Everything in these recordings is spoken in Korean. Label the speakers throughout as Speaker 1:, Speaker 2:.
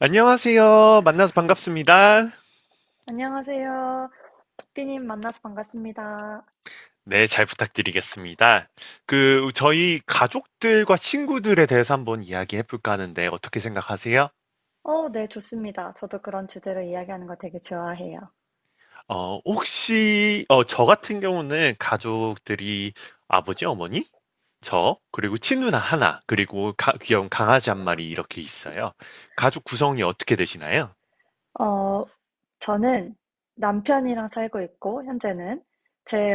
Speaker 1: 안녕하세요. 만나서 반갑습니다.
Speaker 2: 안녕하세요. 삐님 만나서 반갑습니다.
Speaker 1: 네, 잘 부탁드리겠습니다. 그, 저희 가족들과 친구들에 대해서 한번 이야기해 볼까 하는데 어떻게 생각하세요?
Speaker 2: 네, 좋습니다. 저도 그런 주제로 이야기하는 거 되게 좋아해요.
Speaker 1: 혹시, 저 같은 경우는 가족들이 아버지, 어머니, 저, 그리고 친누나 하나, 그리고 귀여운 강아지 한 마리 이렇게 있어요. 가족 구성이 어떻게 되시나요?
Speaker 2: 어, 저는 남편이랑 살고 있고, 현재는 제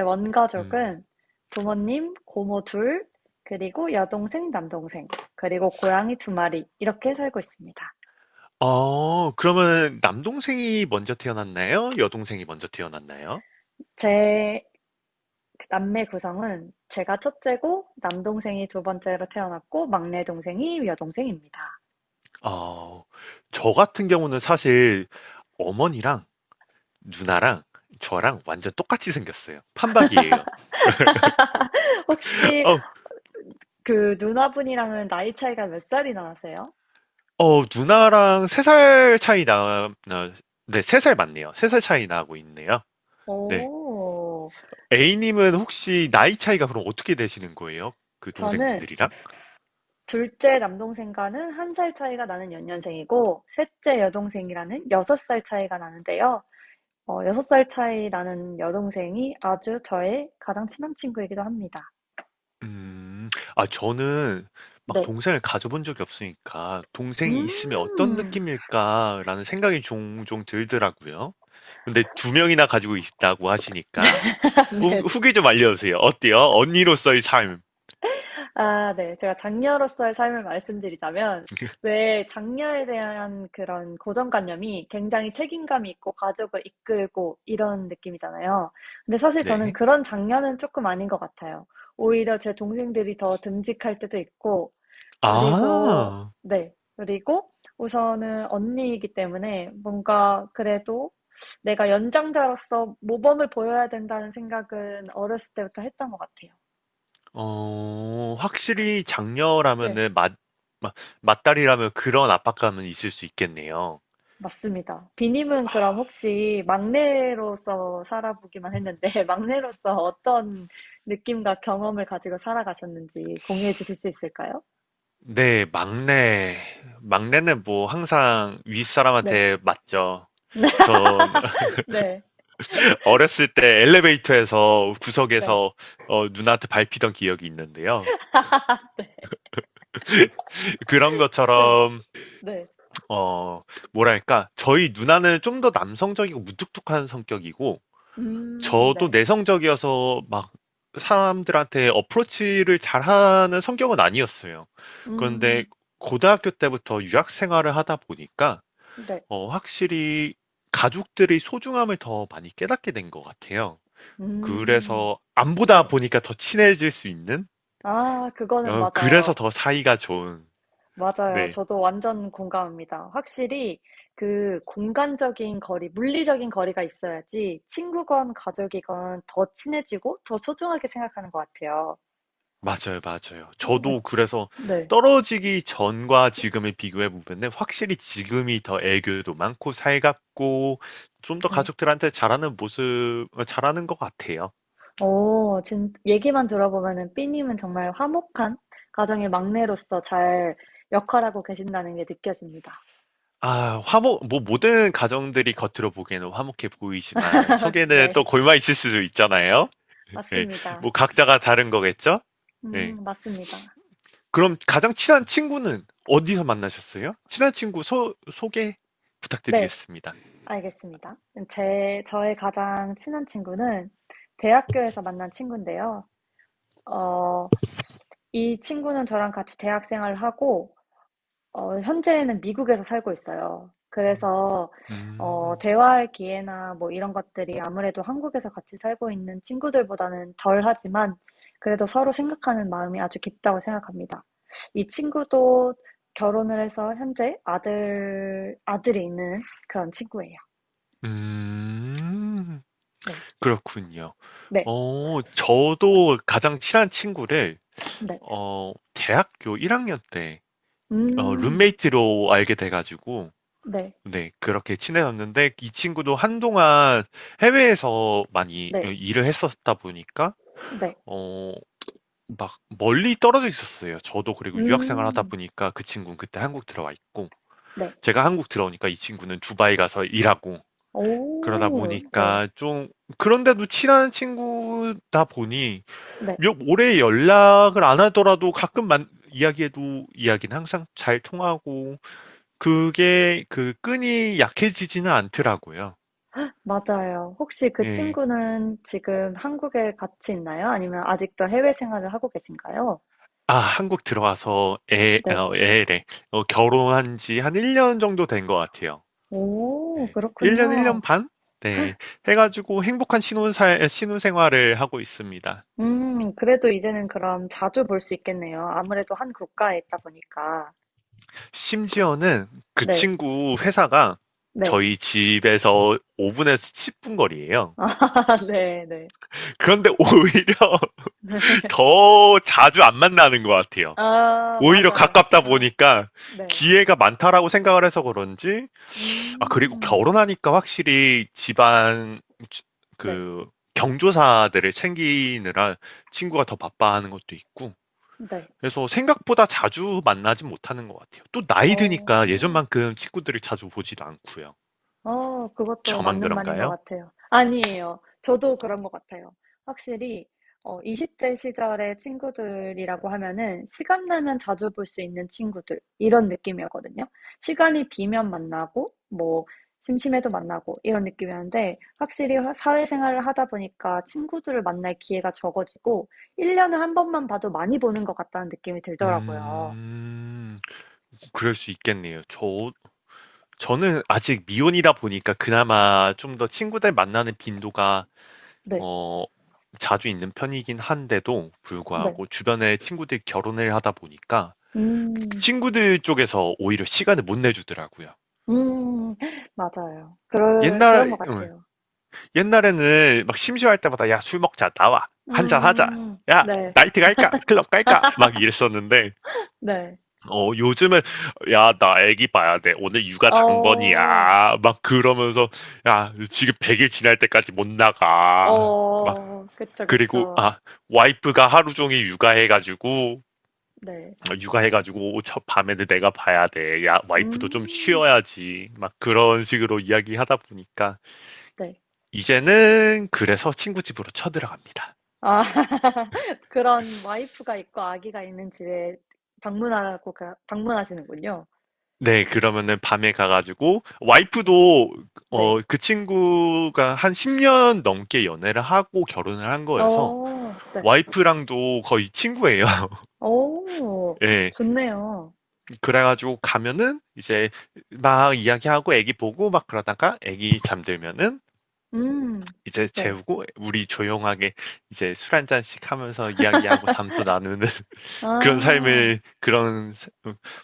Speaker 1: 음.
Speaker 2: 원가족은 부모님, 고모 둘, 그리고 여동생, 남동생, 그리고 고양이 두 마리, 이렇게 살고 있습니다.
Speaker 1: 그러면 남동생이 먼저 태어났나요? 여동생이 먼저 태어났나요?
Speaker 2: 제 남매 구성은 제가 첫째고, 남동생이 두 번째로 태어났고, 막내 동생이 여동생입니다.
Speaker 1: 어, 저 같은 경우는 사실 어머니랑 누나랑 저랑 완전 똑같이 생겼어요. 판박이에요.
Speaker 2: 혹시
Speaker 1: 어,
Speaker 2: 그 누나분이랑은 나이 차이가 몇 살이나 나세요?
Speaker 1: 누나랑 세 살 차이 나, 네, 세 살 맞네요. 세 살 차이 나고 있네요. 네.
Speaker 2: 오,
Speaker 1: A님은 혹시 나이 차이가 그럼 어떻게 되시는 거예요? 그
Speaker 2: 저는
Speaker 1: 동생분들이랑?
Speaker 2: 둘째 남동생과는 한 살 차이가 나는 연년생이고, 셋째 여동생이라는 여섯 살 차이가 나는데요. 여섯 살 차이 나는 여동생이 아주 저의 가장 친한 친구이기도 합니다.
Speaker 1: 음. 아 저는 막
Speaker 2: 네.
Speaker 1: 동생을 가져 본 적이 없으니까 '동생이 있으면 어떤
Speaker 2: 음.
Speaker 1: 느낌일까.'라는 생각이 종종 들더라고요. 근데 두 명이나 가지고 있다고 하시니까 후
Speaker 2: 네.
Speaker 1: 후기 좀 알려주세요. 어때요? 언니로서의 삶.
Speaker 2: 아, 네. 제가 장녀로서의 삶을 말씀드리자면 왜 장녀에 대한 그런 고정관념이 굉장히 책임감이 있고 가족을 이끌고 이런 느낌이잖아요. 근데 사실 저는
Speaker 1: 네.
Speaker 2: 그런 장녀는 조금 아닌 것 같아요. 오히려 제 동생들이 더 듬직할 때도 있고 그리고
Speaker 1: 아.
Speaker 2: 네. 그리고 우선은 언니이기 때문에 뭔가 그래도 '내가 연장자로서 모범을 보여야 된다.'는 생각은 어렸을 때부터 했던 것 같아요.
Speaker 1: 확실히
Speaker 2: 네.
Speaker 1: 장녀라면은 맞맏딸이라면 그런 압박감은 있을 수 있겠네요.
Speaker 2: 맞습니다. 비님은 그럼 혹시 막내로서 살아보기만 했는데, 막내로서 어떤 느낌과 경험을 가지고 살아가셨는지 공유해 주실 수 있을까요?
Speaker 1: 네. 막내는 뭐 항상
Speaker 2: 네.
Speaker 1: 윗사람한테 맞죠. 전
Speaker 2: 네.
Speaker 1: 어렸을 때 엘리베이터에서
Speaker 2: 네.
Speaker 1: 구석에서 누나한테 밟히던 기억이 있는데요.
Speaker 2: 네.
Speaker 1: 그런
Speaker 2: 네.
Speaker 1: 것처럼
Speaker 2: 네.
Speaker 1: 어, 뭐랄까 저희 누나는 좀 더 남성적이고 무뚝뚝한 성격이고 저도
Speaker 2: 네.
Speaker 1: 내성적이어서 막 사람들한테 어프로치를 잘하는 성격은 아니었어요. 그런데
Speaker 2: 음,
Speaker 1: 고등학교 때부터 유학 생활을 하다 보니까
Speaker 2: 네.
Speaker 1: 확실히 가족들의 소중함을 더 많이 깨닫게 된 것 같아요.
Speaker 2: 음,
Speaker 1: 그래서 안 보다
Speaker 2: 네.
Speaker 1: 보니까 더 친해질 수 있는?
Speaker 2: 아, 그거는
Speaker 1: 그래서
Speaker 2: 맞아요.
Speaker 1: 더 사이가 좋은.
Speaker 2: 맞아요.
Speaker 1: 네.
Speaker 2: 저도 완전 공감합니다. 확실히 그 공간적인 거리, 물리적인 거리가 있어야지 친구건 가족이건 더 친해지고 더 소중하게 생각하는 것 같아요.
Speaker 1: 맞아요, 맞아요. 저도 그래서
Speaker 2: 네,
Speaker 1: 떨어지기 전과 지금을 비교해 보면은 확실히 지금이 더 애교도 많고 살갑고 좀 더
Speaker 2: 네.
Speaker 1: 가족들한테 잘하는 모습, 잘하는 것 같아요.
Speaker 2: 얘기만 들어보면은 삐님은 정말 화목한 가정의 막내로서 잘 역할하고 계신다는 게 느껴집니다.
Speaker 1: 아, 뭐 모든 가정들이 겉으로 보기에는 화목해 보이지만 속에는 또
Speaker 2: 네,
Speaker 1: 골마 있을 수도 있잖아요. 네.
Speaker 2: 맞습니다.
Speaker 1: 뭐 각자가 다른 거겠죠? 네.
Speaker 2: 맞습니다.
Speaker 1: 그럼 가장 친한 친구는 어디서 만나셨어요? 친한 친구 소개
Speaker 2: 네.
Speaker 1: 부탁드리겠습니다.
Speaker 2: 알겠습니다. 제 저의 가장 친한 친구는 대학교에서 만난 친구인데요. 어 이 친구는 저랑 같이 대학 생활을 하고 현재는 미국에서 살고 있어요. 그래서
Speaker 1: 음,
Speaker 2: 대화할 기회나 뭐 이런 것들이 아무래도 한국에서 같이 살고 있는 친구들보다는 덜하지만 그래도 서로 생각하는 마음이 아주 깊다고 생각합니다. 이 친구도 결혼을 해서 현재 아들이 있는 그런 친구예요.
Speaker 1: 음,
Speaker 2: 네.
Speaker 1: 그렇군요.
Speaker 2: 네.
Speaker 1: 저도 가장 친한 친구를,
Speaker 2: 네.
Speaker 1: 대학교 1학년 때,
Speaker 2: 음.
Speaker 1: 룸메이트로 알게 돼가지고,
Speaker 2: 네.
Speaker 1: 네, 그렇게 친해졌는데, 이 친구도 한동안 해외에서 많이
Speaker 2: 네.
Speaker 1: 일을 했었다 보니까,
Speaker 2: 네.
Speaker 1: 어, 막 멀리 떨어져 있었어요. 저도 그리고 유학 생활하다
Speaker 2: 음.
Speaker 1: 보니까 그 친구는 그때 한국 들어와 있고
Speaker 2: 네.
Speaker 1: 제가 한국 들어오니까 이 친구는 두바이 가서 일하고 그러다
Speaker 2: 오. 네.
Speaker 1: 보니까 좀 그런데도 친한 친구다 보니
Speaker 2: 네.
Speaker 1: 몇 오래 연락을 안 하더라도 가끔 만 이야기해도 이야기는 항상 잘 통하고 그게 그 끈이 약해지지는 않더라고요.
Speaker 2: 맞아요. 혹시 그
Speaker 1: 예.
Speaker 2: 친구는 지금 한국에 같이 있나요? 아니면 아직도 해외 생활을 하고 계신가요?
Speaker 1: 아, 한국 들어와서
Speaker 2: 네.
Speaker 1: 애래. 결혼한 지 한 1년 정도 된 것 같아요.
Speaker 2: 오,
Speaker 1: 네. 1년,
Speaker 2: 그렇군요.
Speaker 1: 1년 반? 네. 해가지고 행복한 신혼생활을 하고 있습니다.
Speaker 2: 그래도 이제는 그럼 자주 볼 수 있겠네요. 아무래도 한 국가에 있다 보니까.
Speaker 1: 심지어는 그
Speaker 2: 네.
Speaker 1: 친구 회사가
Speaker 2: 네.
Speaker 1: 저희 집에서 5분에서 10분 거리예요.
Speaker 2: 아, 네, 네.
Speaker 1: 그런데 오히려 더 자주 안 만나는 것 같아요.
Speaker 2: 아,
Speaker 1: 오히려
Speaker 2: 맞아요.
Speaker 1: 가깝다
Speaker 2: 아,
Speaker 1: 보니까
Speaker 2: 네.
Speaker 1: 기회가 많다라고 생각을 해서 그런지, 아, 그리고
Speaker 2: 음.
Speaker 1: 결혼하니까 확실히 집안,
Speaker 2: 네.
Speaker 1: 그, 경조사들을 챙기느라 친구가 더 바빠하는 것도 있고,
Speaker 2: 네.
Speaker 1: 그래서 생각보다 자주 만나진 못하는 것 같아요. 또 나이 드니까
Speaker 2: 어,
Speaker 1: 예전만큼 친구들을 자주 보지도 않고요.
Speaker 2: 그것도
Speaker 1: 저만
Speaker 2: 맞는 말인 것
Speaker 1: 그런가요?
Speaker 2: 같아요. 아니에요. 저도 그런 것 같아요. 확실히, 20대 시절의 친구들이라고 하면은, 시간 나면 자주 볼 수 있는 친구들, 이런 느낌이었거든요. 시간이 비면 만나고, 뭐, 심심해도 만나고, 이런 느낌이었는데, 확실히 사회생활을 하다 보니까 친구들을 만날 기회가 적어지고, 1년에 한 번만 봐도 많이 보는 것 같다는 느낌이 들더라고요.
Speaker 1: 음, 그럴 수 있겠네요. 저는 아직 미혼이다 보니까 그나마 좀 더 친구들 만나는 빈도가,
Speaker 2: 네,
Speaker 1: 어, 자주 있는 편이긴 한데도
Speaker 2: 네.
Speaker 1: 불구하고 주변에 친구들 결혼을 하다 보니까
Speaker 2: 음,
Speaker 1: 친구들 쪽에서 오히려 시간을 못 내주더라고요.
Speaker 2: 음. 맞아요. 그럴 그런
Speaker 1: 옛날,
Speaker 2: 것
Speaker 1: 어,
Speaker 2: 같아요.
Speaker 1: 옛날에는 막 심심할 때마다 야 술 먹자 나와 한잔 하자
Speaker 2: 음.
Speaker 1: 야
Speaker 2: 네.
Speaker 1: 나이트 갈까 클럽 갈까 막 이랬었는데
Speaker 2: 네.
Speaker 1: 요즘은 야 나 애기 봐야 돼 오늘 육아
Speaker 2: 어.
Speaker 1: 당번이야 막 그러면서 야 지금 100일 지날 때까지 못 나가 막
Speaker 2: 어. 그쵸,
Speaker 1: 그리고
Speaker 2: 그쵸.
Speaker 1: 아 와이프가 하루 종일 육아해가지고
Speaker 2: 네.
Speaker 1: 육아해가지고 저 밤에는 내가 봐야 돼. 야 와이프도 좀
Speaker 2: 음.
Speaker 1: 쉬어야지. 막 그런 식으로 이야기하다 보니까
Speaker 2: 네.
Speaker 1: 이제는 그래서 친구 집으로 쳐들어갑니다.
Speaker 2: 아. 그런 와이프가 있고 아기가 있는 집에 방문하고 가 방문하시는군요.
Speaker 1: 네, 그러면은 밤에 가가지고,
Speaker 2: 네.
Speaker 1: 와이프도,
Speaker 2: 네.
Speaker 1: 그 친구가 한 10년 넘게 연애를 하고 결혼을 한 거여서,
Speaker 2: 어. 네.
Speaker 1: 와이프랑도 거의 친구예요.
Speaker 2: 어.
Speaker 1: 예.
Speaker 2: 좋네요.
Speaker 1: 그래가지고 가면은, 이제 막 이야기하고 애기 보고 막 그러다가 애기 잠들면은,
Speaker 2: 음.
Speaker 1: 이제
Speaker 2: 네.
Speaker 1: 재우고, 우리 조용하게 이제 술 한잔씩 하면서 이야기하고 담소 나누는 그런
Speaker 2: 아.
Speaker 1: 삶을,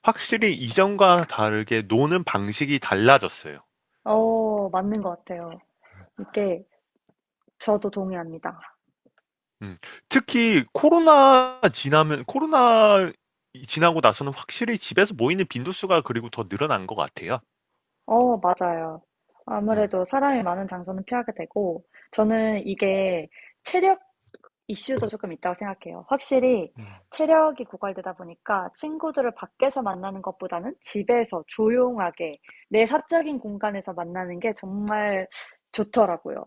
Speaker 1: 확실히 이전과 다르게 노는 방식이 달라졌어요.
Speaker 2: 어. 맞는 것 같아요. 이게 저도 동의합니다.
Speaker 1: 음. 특히 코로나 이 지나고 나서는 확실히 집에서 모이는 빈도수가 그리고 더 늘어난 것 같아요.
Speaker 2: 어, 맞아요.
Speaker 1: 음.
Speaker 2: 아무래도 사람이 많은 장소는 피하게 되고, 저는 이게 체력 이슈도 조금 있다고 생각해요. 확실히
Speaker 1: 음.
Speaker 2: 체력이 고갈되다 보니까 친구들을 밖에서 만나는 것보다는 집에서 조용하게 내 사적인 공간에서 만나는 게 정말 좋더라고요.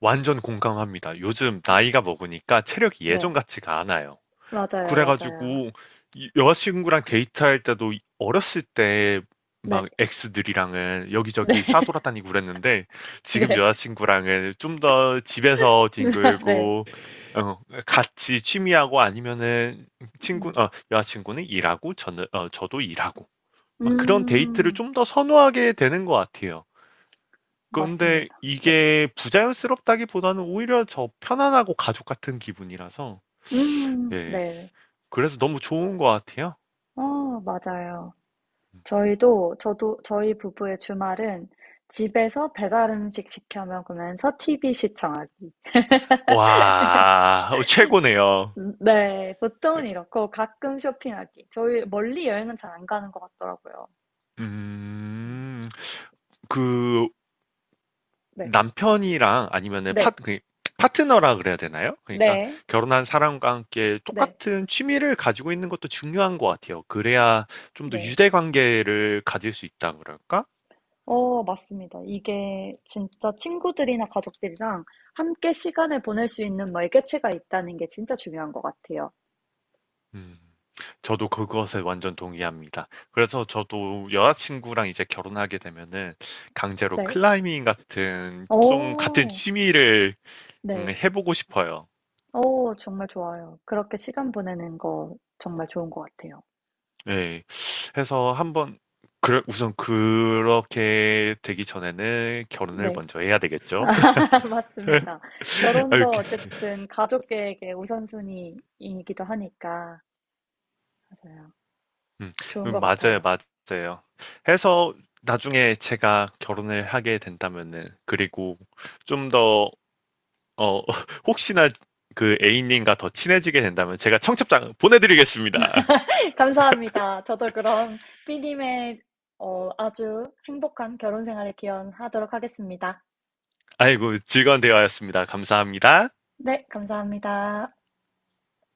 Speaker 1: 완전 공감합니다. 요즘 나이가 먹으니까 체력이
Speaker 2: 네,
Speaker 1: 예전 같지가 않아요.
Speaker 2: 맞아요, 맞아요.
Speaker 1: 그래가지고 여자친구랑 데이트할 때도 어렸을 때 막
Speaker 2: 네,
Speaker 1: 엑스들이랑은 여기저기
Speaker 2: 네,
Speaker 1: 싸돌아다니고 그랬는데 지금
Speaker 2: 네,
Speaker 1: 여자친구랑은 좀 더 집에서
Speaker 2: 네.
Speaker 1: 뒹굴고 어, 같이 취미하고 아니면은
Speaker 2: 음,
Speaker 1: 여자친구는 일하고 저도 일하고 막 그런 데이트를
Speaker 2: 음,
Speaker 1: 좀 더 선호하게 되는 것 같아요. 그런데
Speaker 2: 맞습니다. 네,
Speaker 1: 이게 부자연스럽다기보다는 오히려 저 편안하고 가족 같은 기분이라서 예
Speaker 2: 네.
Speaker 1: 그래서 너무 좋은 것 같아요.
Speaker 2: 어, 맞아요. 저희도 저도 저희 부부의 주말은 집에서 배달 음식 시켜 먹으면서 TV 시청하기.
Speaker 1: 와, 최고네요.
Speaker 2: 네, 보통은 이렇고 가끔 쇼핑하기. 저희 멀리 여행은 잘 안 가는 것 같더라고요. 음,
Speaker 1: 음, 그
Speaker 2: 네,
Speaker 1: 남편이랑 아니면은
Speaker 2: 네,
Speaker 1: 파트너라 그래야 되나요? 그러니까
Speaker 2: 네,
Speaker 1: 결혼한 사람과 함께
Speaker 2: 네,
Speaker 1: 똑같은 취미를 가지고 있는 것도 중요한 것 같아요. 그래야 좀 더
Speaker 2: 네.
Speaker 1: 유대 관계를 가질 수 있다 그럴까?
Speaker 2: 맞습니다. 이게 진짜 친구들이나 가족들이랑 함께 시간을 보낼 수 있는 매개체가 있다는 게 진짜 중요한 것 같아요.
Speaker 1: 음, 저도 그것에 완전 동의합니다. 그래서 저도 여자친구랑 이제 결혼하게 되면은 강제로
Speaker 2: 네.
Speaker 1: 클라이밍 같은 좀 같은
Speaker 2: 오.
Speaker 1: 취미를
Speaker 2: 네.
Speaker 1: 해보고 싶어요.
Speaker 2: 정말 좋아요. 그렇게 시간 보내는 거 정말 좋은 것 같아요.
Speaker 1: 예. 해서 한번 그 우선 그렇게 되기 전에는 결혼을
Speaker 2: 네.
Speaker 1: 먼저 해야 되겠죠.
Speaker 2: 맞습니다.
Speaker 1: 아,
Speaker 2: 결혼도
Speaker 1: 이렇게.
Speaker 2: 어쨌든 가족 계획의 우선순위이기도 하니까. 맞아요.
Speaker 1: 음,
Speaker 2: 좋은 것
Speaker 1: 맞아요,
Speaker 2: 같아요.
Speaker 1: 맞아요. 해서 나중에 제가 결혼을 하게 된다면은 그리고 좀 더 어, 혹시나 그 A님과 더 친해지게 된다면 제가 청첩장 보내드리겠습니다.
Speaker 2: 감사합니다. 저도 그럼 삐님의 아주 행복한 결혼 생활을 기원하도록 하겠습니다.
Speaker 1: 아이고, 즐거운 대화였습니다. 감사합니다.
Speaker 2: 네, 감사합니다.